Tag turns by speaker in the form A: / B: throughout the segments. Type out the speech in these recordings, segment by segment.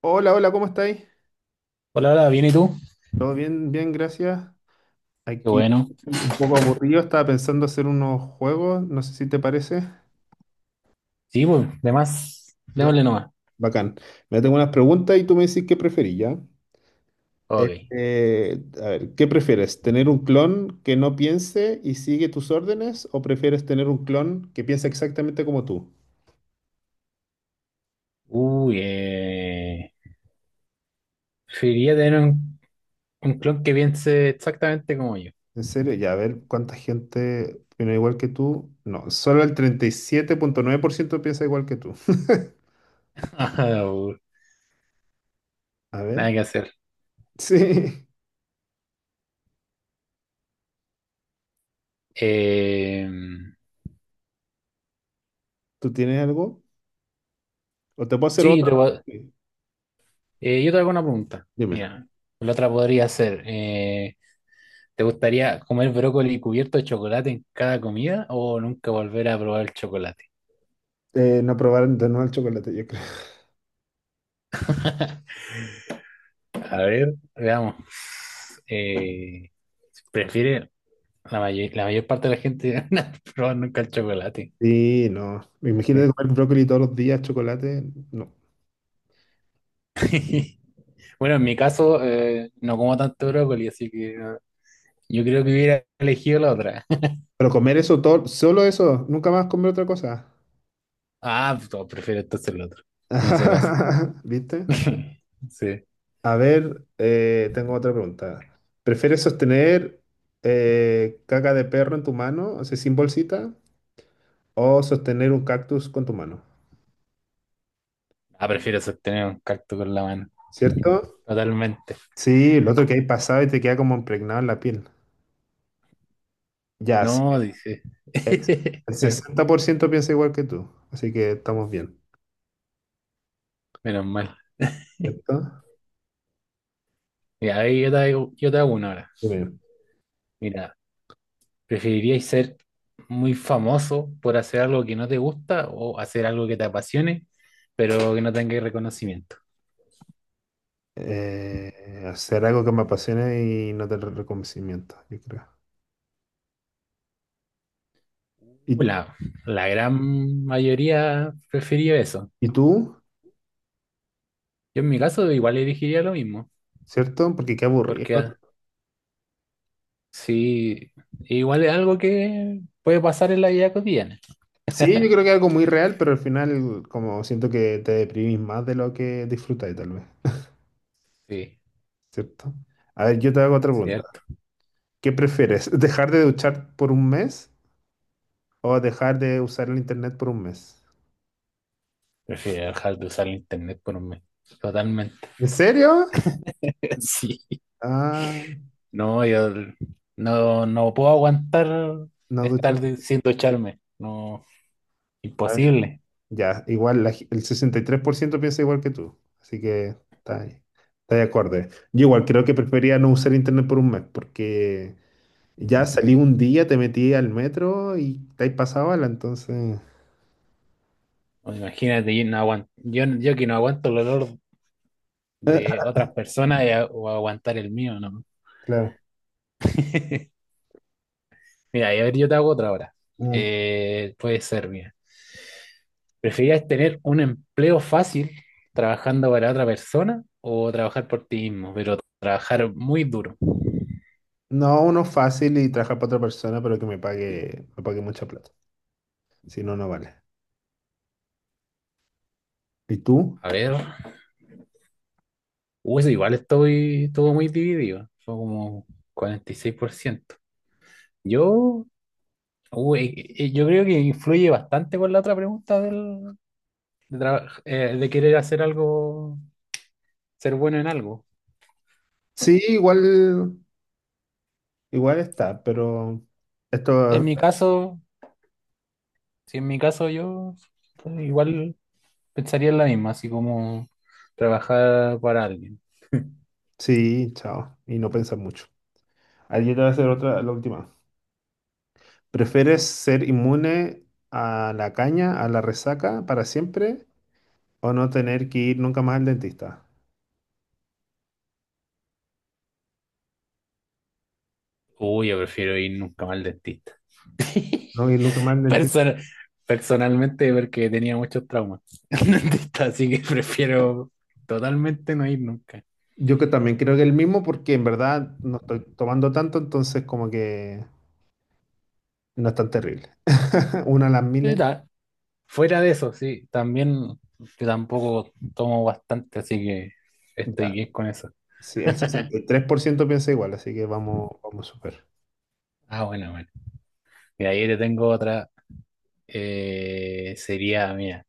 A: Hola, hola, ¿cómo estáis?
B: Hola, hola, ¿bien y tú?
A: Todo bien, bien, gracias.
B: Qué
A: Aquí
B: bueno.
A: y un poco aburrido, estaba pensando hacer unos juegos, no sé si te parece.
B: Sí, pues, de más,
A: Ya,
B: démosle nomás.
A: bacán. Me tengo unas preguntas y tú me dices qué preferís, ¿ya?
B: Ok.
A: A ver, ¿qué prefieres? ¿Tener un clon que no piense y sigue tus órdenes o prefieres tener un clon que piensa exactamente como tú?
B: Uy, preferiría tener un clon que piense exactamente como yo.
A: En serio, ya, a ver cuánta gente opina igual que tú. No, solo el 37,9% piensa igual que tú.
B: Ajá,
A: A ver,
B: nada que hacer.
A: sí.
B: Eh,
A: ¿Tú tienes algo? O te puedo hacer
B: sí,
A: otra. Sí,
B: yo te hago una pregunta.
A: dime.
B: Mira, la otra podría ser, ¿te gustaría comer brócoli cubierto de chocolate en cada comida o nunca volver a probar el chocolate?
A: No probar de nuevo el chocolate, yo creo.
B: A ver, veamos. Eh, ¿Prefieres? La mayor parte de la gente no ha probado nunca el chocolate.
A: Sí, no. Imagínate
B: Sí.
A: comer brócoli todos los días, chocolate. No.
B: Bueno, en mi caso, no como tanto brócoli, así que yo creo que hubiera elegido la otra.
A: Pero comer eso todo, solo eso. Nunca más comer otra cosa.
B: Ah, pues, no, prefiero entonces el otro en ese caso.
A: ¿Viste?
B: Sí.
A: A ver, tengo otra pregunta. ¿Prefieres sostener caca de perro en tu mano, o sea, sin bolsita, o sostener un cactus con tu mano?
B: Ah, prefiero sostener un cactus con la mano.
A: ¿Cierto?
B: Totalmente.
A: Sí, el otro que hay pasado y te queda como impregnado en la piel. Ya, sí.
B: No, dice.
A: El el 60% piensa igual que tú, así que estamos bien,
B: Menos mal.
A: ¿cierto?
B: Y ahí yo te hago una ahora.
A: Dime.
B: Mira, ¿preferiríais ser muy famoso por hacer algo que no te gusta o hacer algo que te apasione, pero que no tenga reconocimiento?
A: Hacer algo que me apasione y no tener reconocimiento, yo creo.
B: Uh,
A: ¿Y,
B: La, la gran mayoría prefirió eso.
A: y tú?
B: Yo en mi caso igual elegiría lo mismo,
A: ¿Cierto? Porque qué aburrido.
B: porque sí, igual es algo que puede pasar en la vida cotidiana.
A: Sí, yo creo que es algo muy real, pero al final como siento que te deprimís más de lo que disfrutáis tal vez,
B: Sí,
A: ¿cierto? A ver, yo te hago otra pregunta.
B: cierto.
A: ¿Qué prefieres? ¿Dejar de duchar por un mes o dejar de usar el internet por un mes?
B: Prefiero dejar de usar el internet por un mes. Totalmente.
A: ¿En serio?
B: Sí.
A: Ah,
B: No, yo no, no puedo aguantar
A: no duchar.
B: sin ducharme. No, imposible.
A: Ya, igual el 63% piensa igual que tú, así que está ahí, está de acuerdo. Yo igual creo que preferiría no usar internet por un mes, porque ya salí un día, te metí al metro y te has pasado bala, entonces...
B: O imagínate, yo que no aguanto el olor de otras personas o aguantar el mío, ¿no?
A: Claro.
B: Mira, y a ver, yo te hago otra ahora.
A: Mm.
B: Puede ser, mira. ¿Preferirías tener un empleo fácil trabajando para otra persona o trabajar por ti mismo, pero trabajar muy duro?
A: No, uno fácil y trabajar para otra persona, pero que me pague mucha plata. Si no, no vale. ¿Y tú?
B: A ver, eso igual estoy todo muy dividido, fue como 46%. Yo yo creo que influye bastante con la otra pregunta de querer hacer algo, ser bueno en algo.
A: Sí, igual, igual está, pero
B: En
A: esto
B: mi caso, si en mi caso yo pues, igual pensaría en la misma, así como trabajar para alguien.
A: sí, chao. Y no pensar mucho. Ayer te va a hacer otra, la última. ¿Prefieres ser inmune a la caña, a la resaca para siempre o no tener que ir nunca más al dentista?
B: Uy, yo prefiero ir nunca más al dentista.
A: No ir nunca más al
B: Persona-
A: dentista.
B: Personalmente porque tenía muchos traumas al dentista, así que prefiero totalmente no ir nunca.
A: Yo que también creo que el mismo porque en verdad no estoy tomando tanto, entonces como que no es tan terrible. Una a las miles.
B: Fuera de eso, sí, también yo tampoco tomo bastante, así que estoy
A: Ya.
B: bien con eso.
A: Sí, el sesenta y tres por ciento piensa igual, así que vamos, vamos súper.
B: Ah, bueno, bueno. Y ahí te tengo otra. Sería, mira,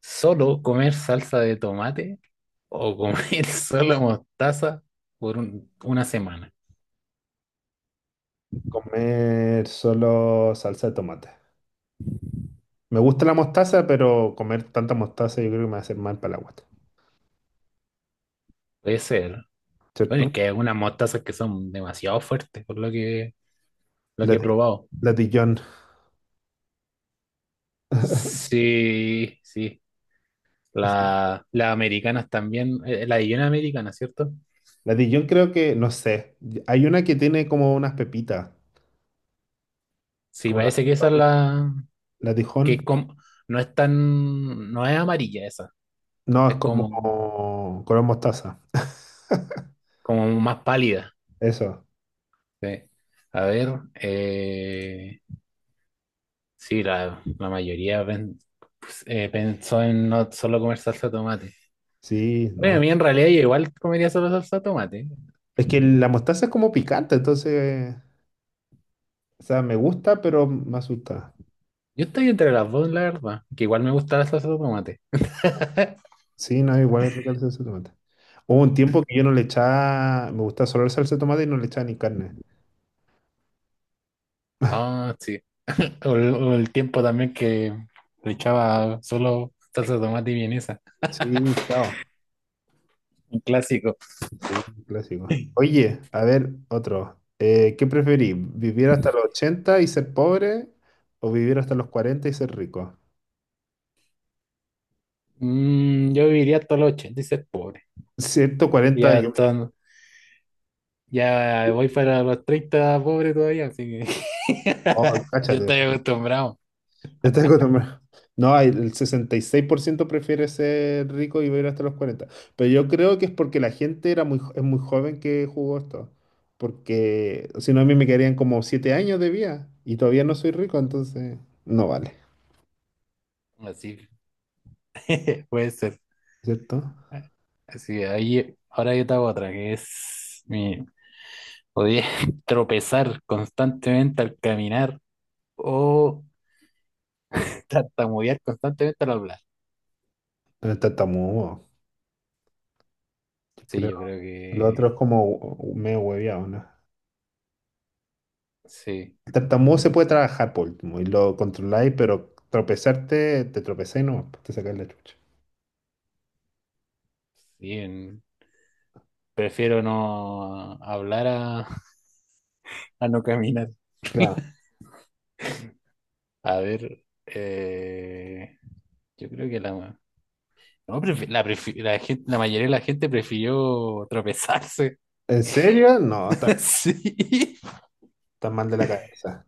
B: solo comer salsa de tomate o comer solo mostaza una semana.
A: Comer solo salsa de tomate. Me gusta la mostaza, pero comer tanta mostaza yo creo que me va a hacer mal para la guata,
B: Puede ser. Bueno, es
A: ¿cierto?
B: que hay algunas mostazas que son demasiado fuertes, por lo
A: La,
B: que he
A: Lati-
B: probado.
A: latillón.
B: Sí, sí.
A: Así.
B: Las americanas también, la de Jenny americana, ¿cierto?
A: La Dijon creo que, no sé, hay una que tiene como unas pepitas,
B: Sí,
A: como las
B: parece que esa
A: pepas
B: es
A: de-
B: la,
A: La
B: que es
A: Dijon,
B: como, no es tan, no es amarilla esa,
A: no, es
B: es
A: como
B: como,
A: color mostaza,
B: como más pálida.
A: eso,
B: Sí. A ver, eh, sí, la mayoría pensó en no solo comer salsa de tomate.
A: sí,
B: Bueno, a
A: no.
B: mí en realidad yo igual comería solo salsa de tomate.
A: Es que la mostaza es como picante, entonces, o sea, me gusta, pero me asusta.
B: Yo estoy entre las dos, la verdad, que igual me gusta la salsa de tomate.
A: Sí, no, igual es rica la salsa de tomate. Hubo un tiempo que yo no le echaba, me gustaba solo la salsa de tomate y no le echaba ni carne.
B: Ah, sí. O el tiempo también que le echaba solo salsa de tomate y vienesa,
A: Sí, chao.
B: un clásico.
A: Sí, un clásico. Oye, a ver, otro. ¿Qué preferís? ¿Vivir hasta los 80 y ser pobre o vivir hasta los 40 y ser rico?
B: Mm, yo viviría hasta los 80 y ser pobre.
A: 140
B: Ya
A: y...
B: están, ya voy para los 30 pobre todavía, así que
A: Oh,
B: yo
A: cáchate.
B: estoy acostumbrado.
A: Te tengo nomás. No, el 66% prefiere ser rico y vivir hasta los 40. Pero yo creo que es porque la gente era es muy joven que jugó esto. Porque si no, a mí me quedarían como 7 años de vida y todavía no soy rico, entonces no vale.
B: Así puede ser.
A: ¿Cierto?
B: Así que ahí, ahora yo te hago otra, que es mi podía tropezar constantemente al caminar o tartamudear constantemente al hablar.
A: Pero está mudo.
B: Sí, yo creo
A: Lo otro es
B: que
A: como medio hueviado, ¿no?
B: sí.
A: El tartamudo se puede trabajar por último y lo controláis, pero tropezarte, te tropezáis no, te sacáis la chucha.
B: Bien. Prefiero no hablar a, a no caminar.
A: Claro.
B: A ver, yo creo que la, no, la gente, la mayoría de la gente prefirió tropezarse.
A: ¿En serio? No, está,
B: Sí.
A: está mal de la cabeza.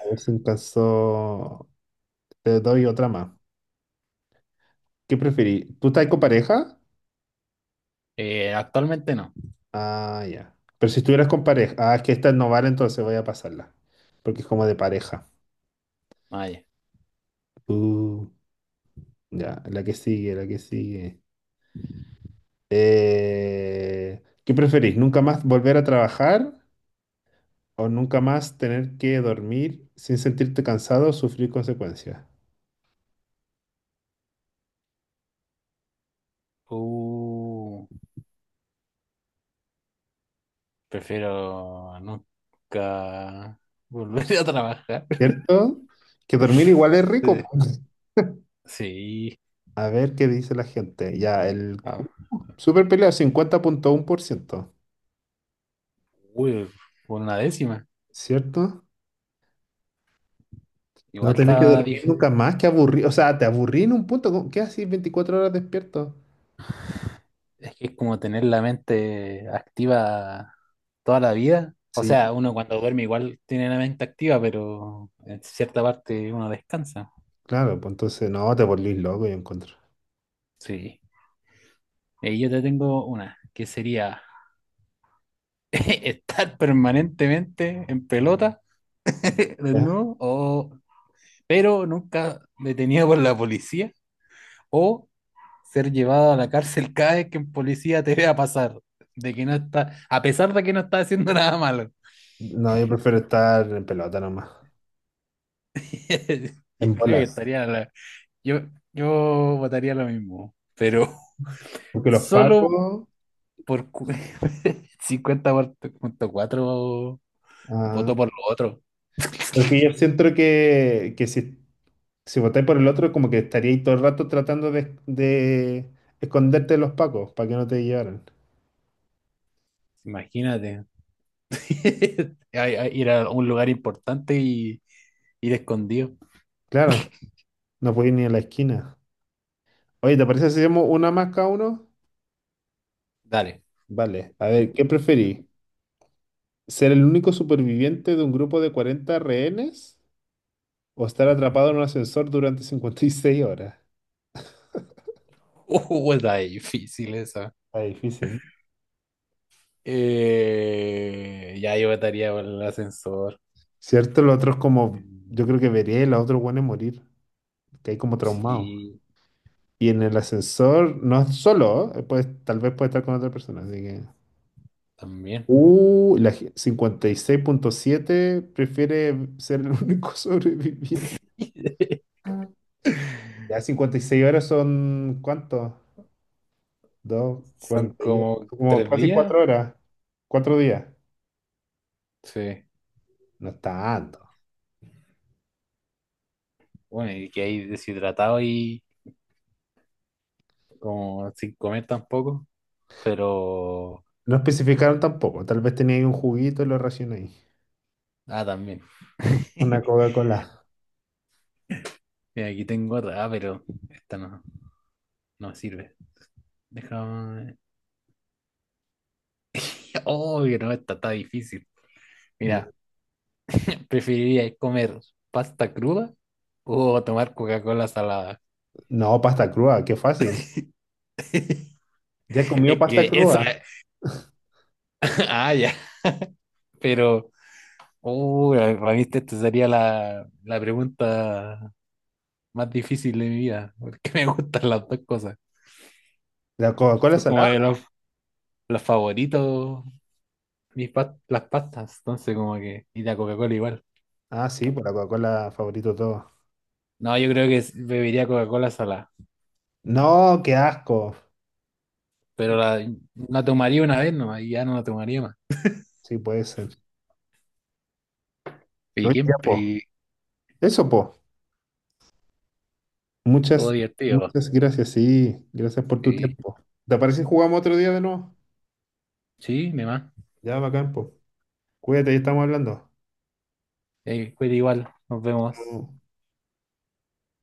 A: A ver si alcanzó. Te doy otra más. ¿Qué preferís? ¿Tú estás con pareja?
B: Actualmente no.
A: Ah, ya. Pero si estuvieras con pareja. Ah, es que esta no vale, entonces voy a pasarla. Porque es como de pareja.
B: Vaya.
A: Uh, ya, la que sigue, la que sigue. ¿Qué preferís? ¿Nunca más volver a trabajar o nunca más tener que dormir sin sentirte cansado o sufrir consecuencias?
B: Uh, prefiero nunca volver a trabajar.
A: ¿Cierto? Que dormir igual es
B: Sí.
A: rico, po.
B: Sí.
A: A ver qué dice la gente. Ya, el
B: Ah,
A: super pelea 50,1%,
B: uy, por una décima.
A: ¿cierto? No
B: Igual
A: tener que
B: está,
A: dormir
B: dif-
A: nunca más, que aburrir. O sea, te aburrí en un punto. ¿Qué haces 24 horas despierto?
B: Es que es como tener la mente activa toda la vida. O
A: Sí,
B: sea, uno cuando duerme igual tiene la mente activa, pero en cierta parte uno descansa.
A: claro, pues entonces no, te volvís loco, yo encuentro.
B: Sí. Y yo te tengo una, que sería estar permanentemente en pelota,
A: ¿Ya?
B: desnudo, o, pero nunca detenido por la policía, o ser llevado a la cárcel cada vez que un policía te vea pasar, de que no está, a pesar de que no está haciendo nada malo.
A: No, yo prefiero estar en pelota nomás,
B: Yo
A: en
B: creo que
A: bolas.
B: estaría la, Yo, yo votaría lo mismo, pero
A: Porque los
B: solo
A: pacos.
B: por 50,4
A: ah,
B: votó por lo otro.
A: Porque yo siento que si votáis por el otro, como que estaríais todo el rato tratando de esconderte de los pacos para que no te llevaran.
B: Imagínate. A ir a un lugar importante y ir escondido.
A: Claro, no podéis ni a la esquina. Oye, ¿te parece si hacemos una más cada uno?
B: Dale.
A: Vale, a ver, ¿qué preferís? ¿Ser el único superviviente de un grupo de 40 rehenes o estar atrapado en un ascensor durante 56 horas?
B: Está difícil esa.
A: Está difícil, ¿no?
B: Ya yo votaría por el ascensor.
A: Cierto, lo otro es como,
B: Mm,
A: yo creo que vería a los otros buenos morir, que hay como traumados.
B: sí,
A: Y en el ascensor, no es solo, ¿eh? Pues tal vez puede estar con otra persona, así que...
B: también.
A: 56,7 prefiere ser el único sobreviviente. Ya 56 horas son, ¿cuánto? 2,
B: Son
A: 42.
B: como
A: Como
B: tres
A: casi
B: días.
A: 4 horas. 4 días.
B: Sí.
A: No es tanto.
B: Bueno, y que hay deshidratado y como sin comer tampoco, pero...
A: No especificaron tampoco. Tal vez tenía ahí un juguito y lo racioné ahí.
B: Ah, también.
A: Una Coca-Cola.
B: Mira, aquí tengo otra, ah, pero esta no, no me sirve. Déjame... Oh, que no, esta está difícil. Mira, ¿preferirías comer pasta cruda o tomar Coca-Cola salada?
A: No, pasta cruda, qué fácil. Ya he comido
B: Es
A: pasta
B: que eso...
A: cruda.
B: Ah, ya, pero... Oh, para mí esta sería la pregunta más difícil de mi vida, porque me gustan las dos cosas.
A: La Coca-Cola
B: Son como de
A: salada.
B: los favoritos las pastas, entonces como que, y la Coca-Cola igual.
A: Ah, sí, pues la Coca-Cola favorito de todos.
B: No, yo creo que bebería Coca-Cola salada,
A: No, qué asco.
B: pero la tomaría una vez nomás y ya no la tomaría más.
A: Sí, puede ser. No
B: Y,
A: hay
B: quién,
A: tiempo.
B: y
A: Eso, po.
B: todo
A: Muchas,
B: divertido.
A: muchas gracias, sí. Gracias por tu
B: Sí,
A: tiempo. ¿Te parece si jugamos otro día de nuevo?
B: sí, mi mamá.
A: Ya, bacán, po. Cuídate, ya estamos hablando.
B: Cuídate igual, nos vemos.
A: Chao.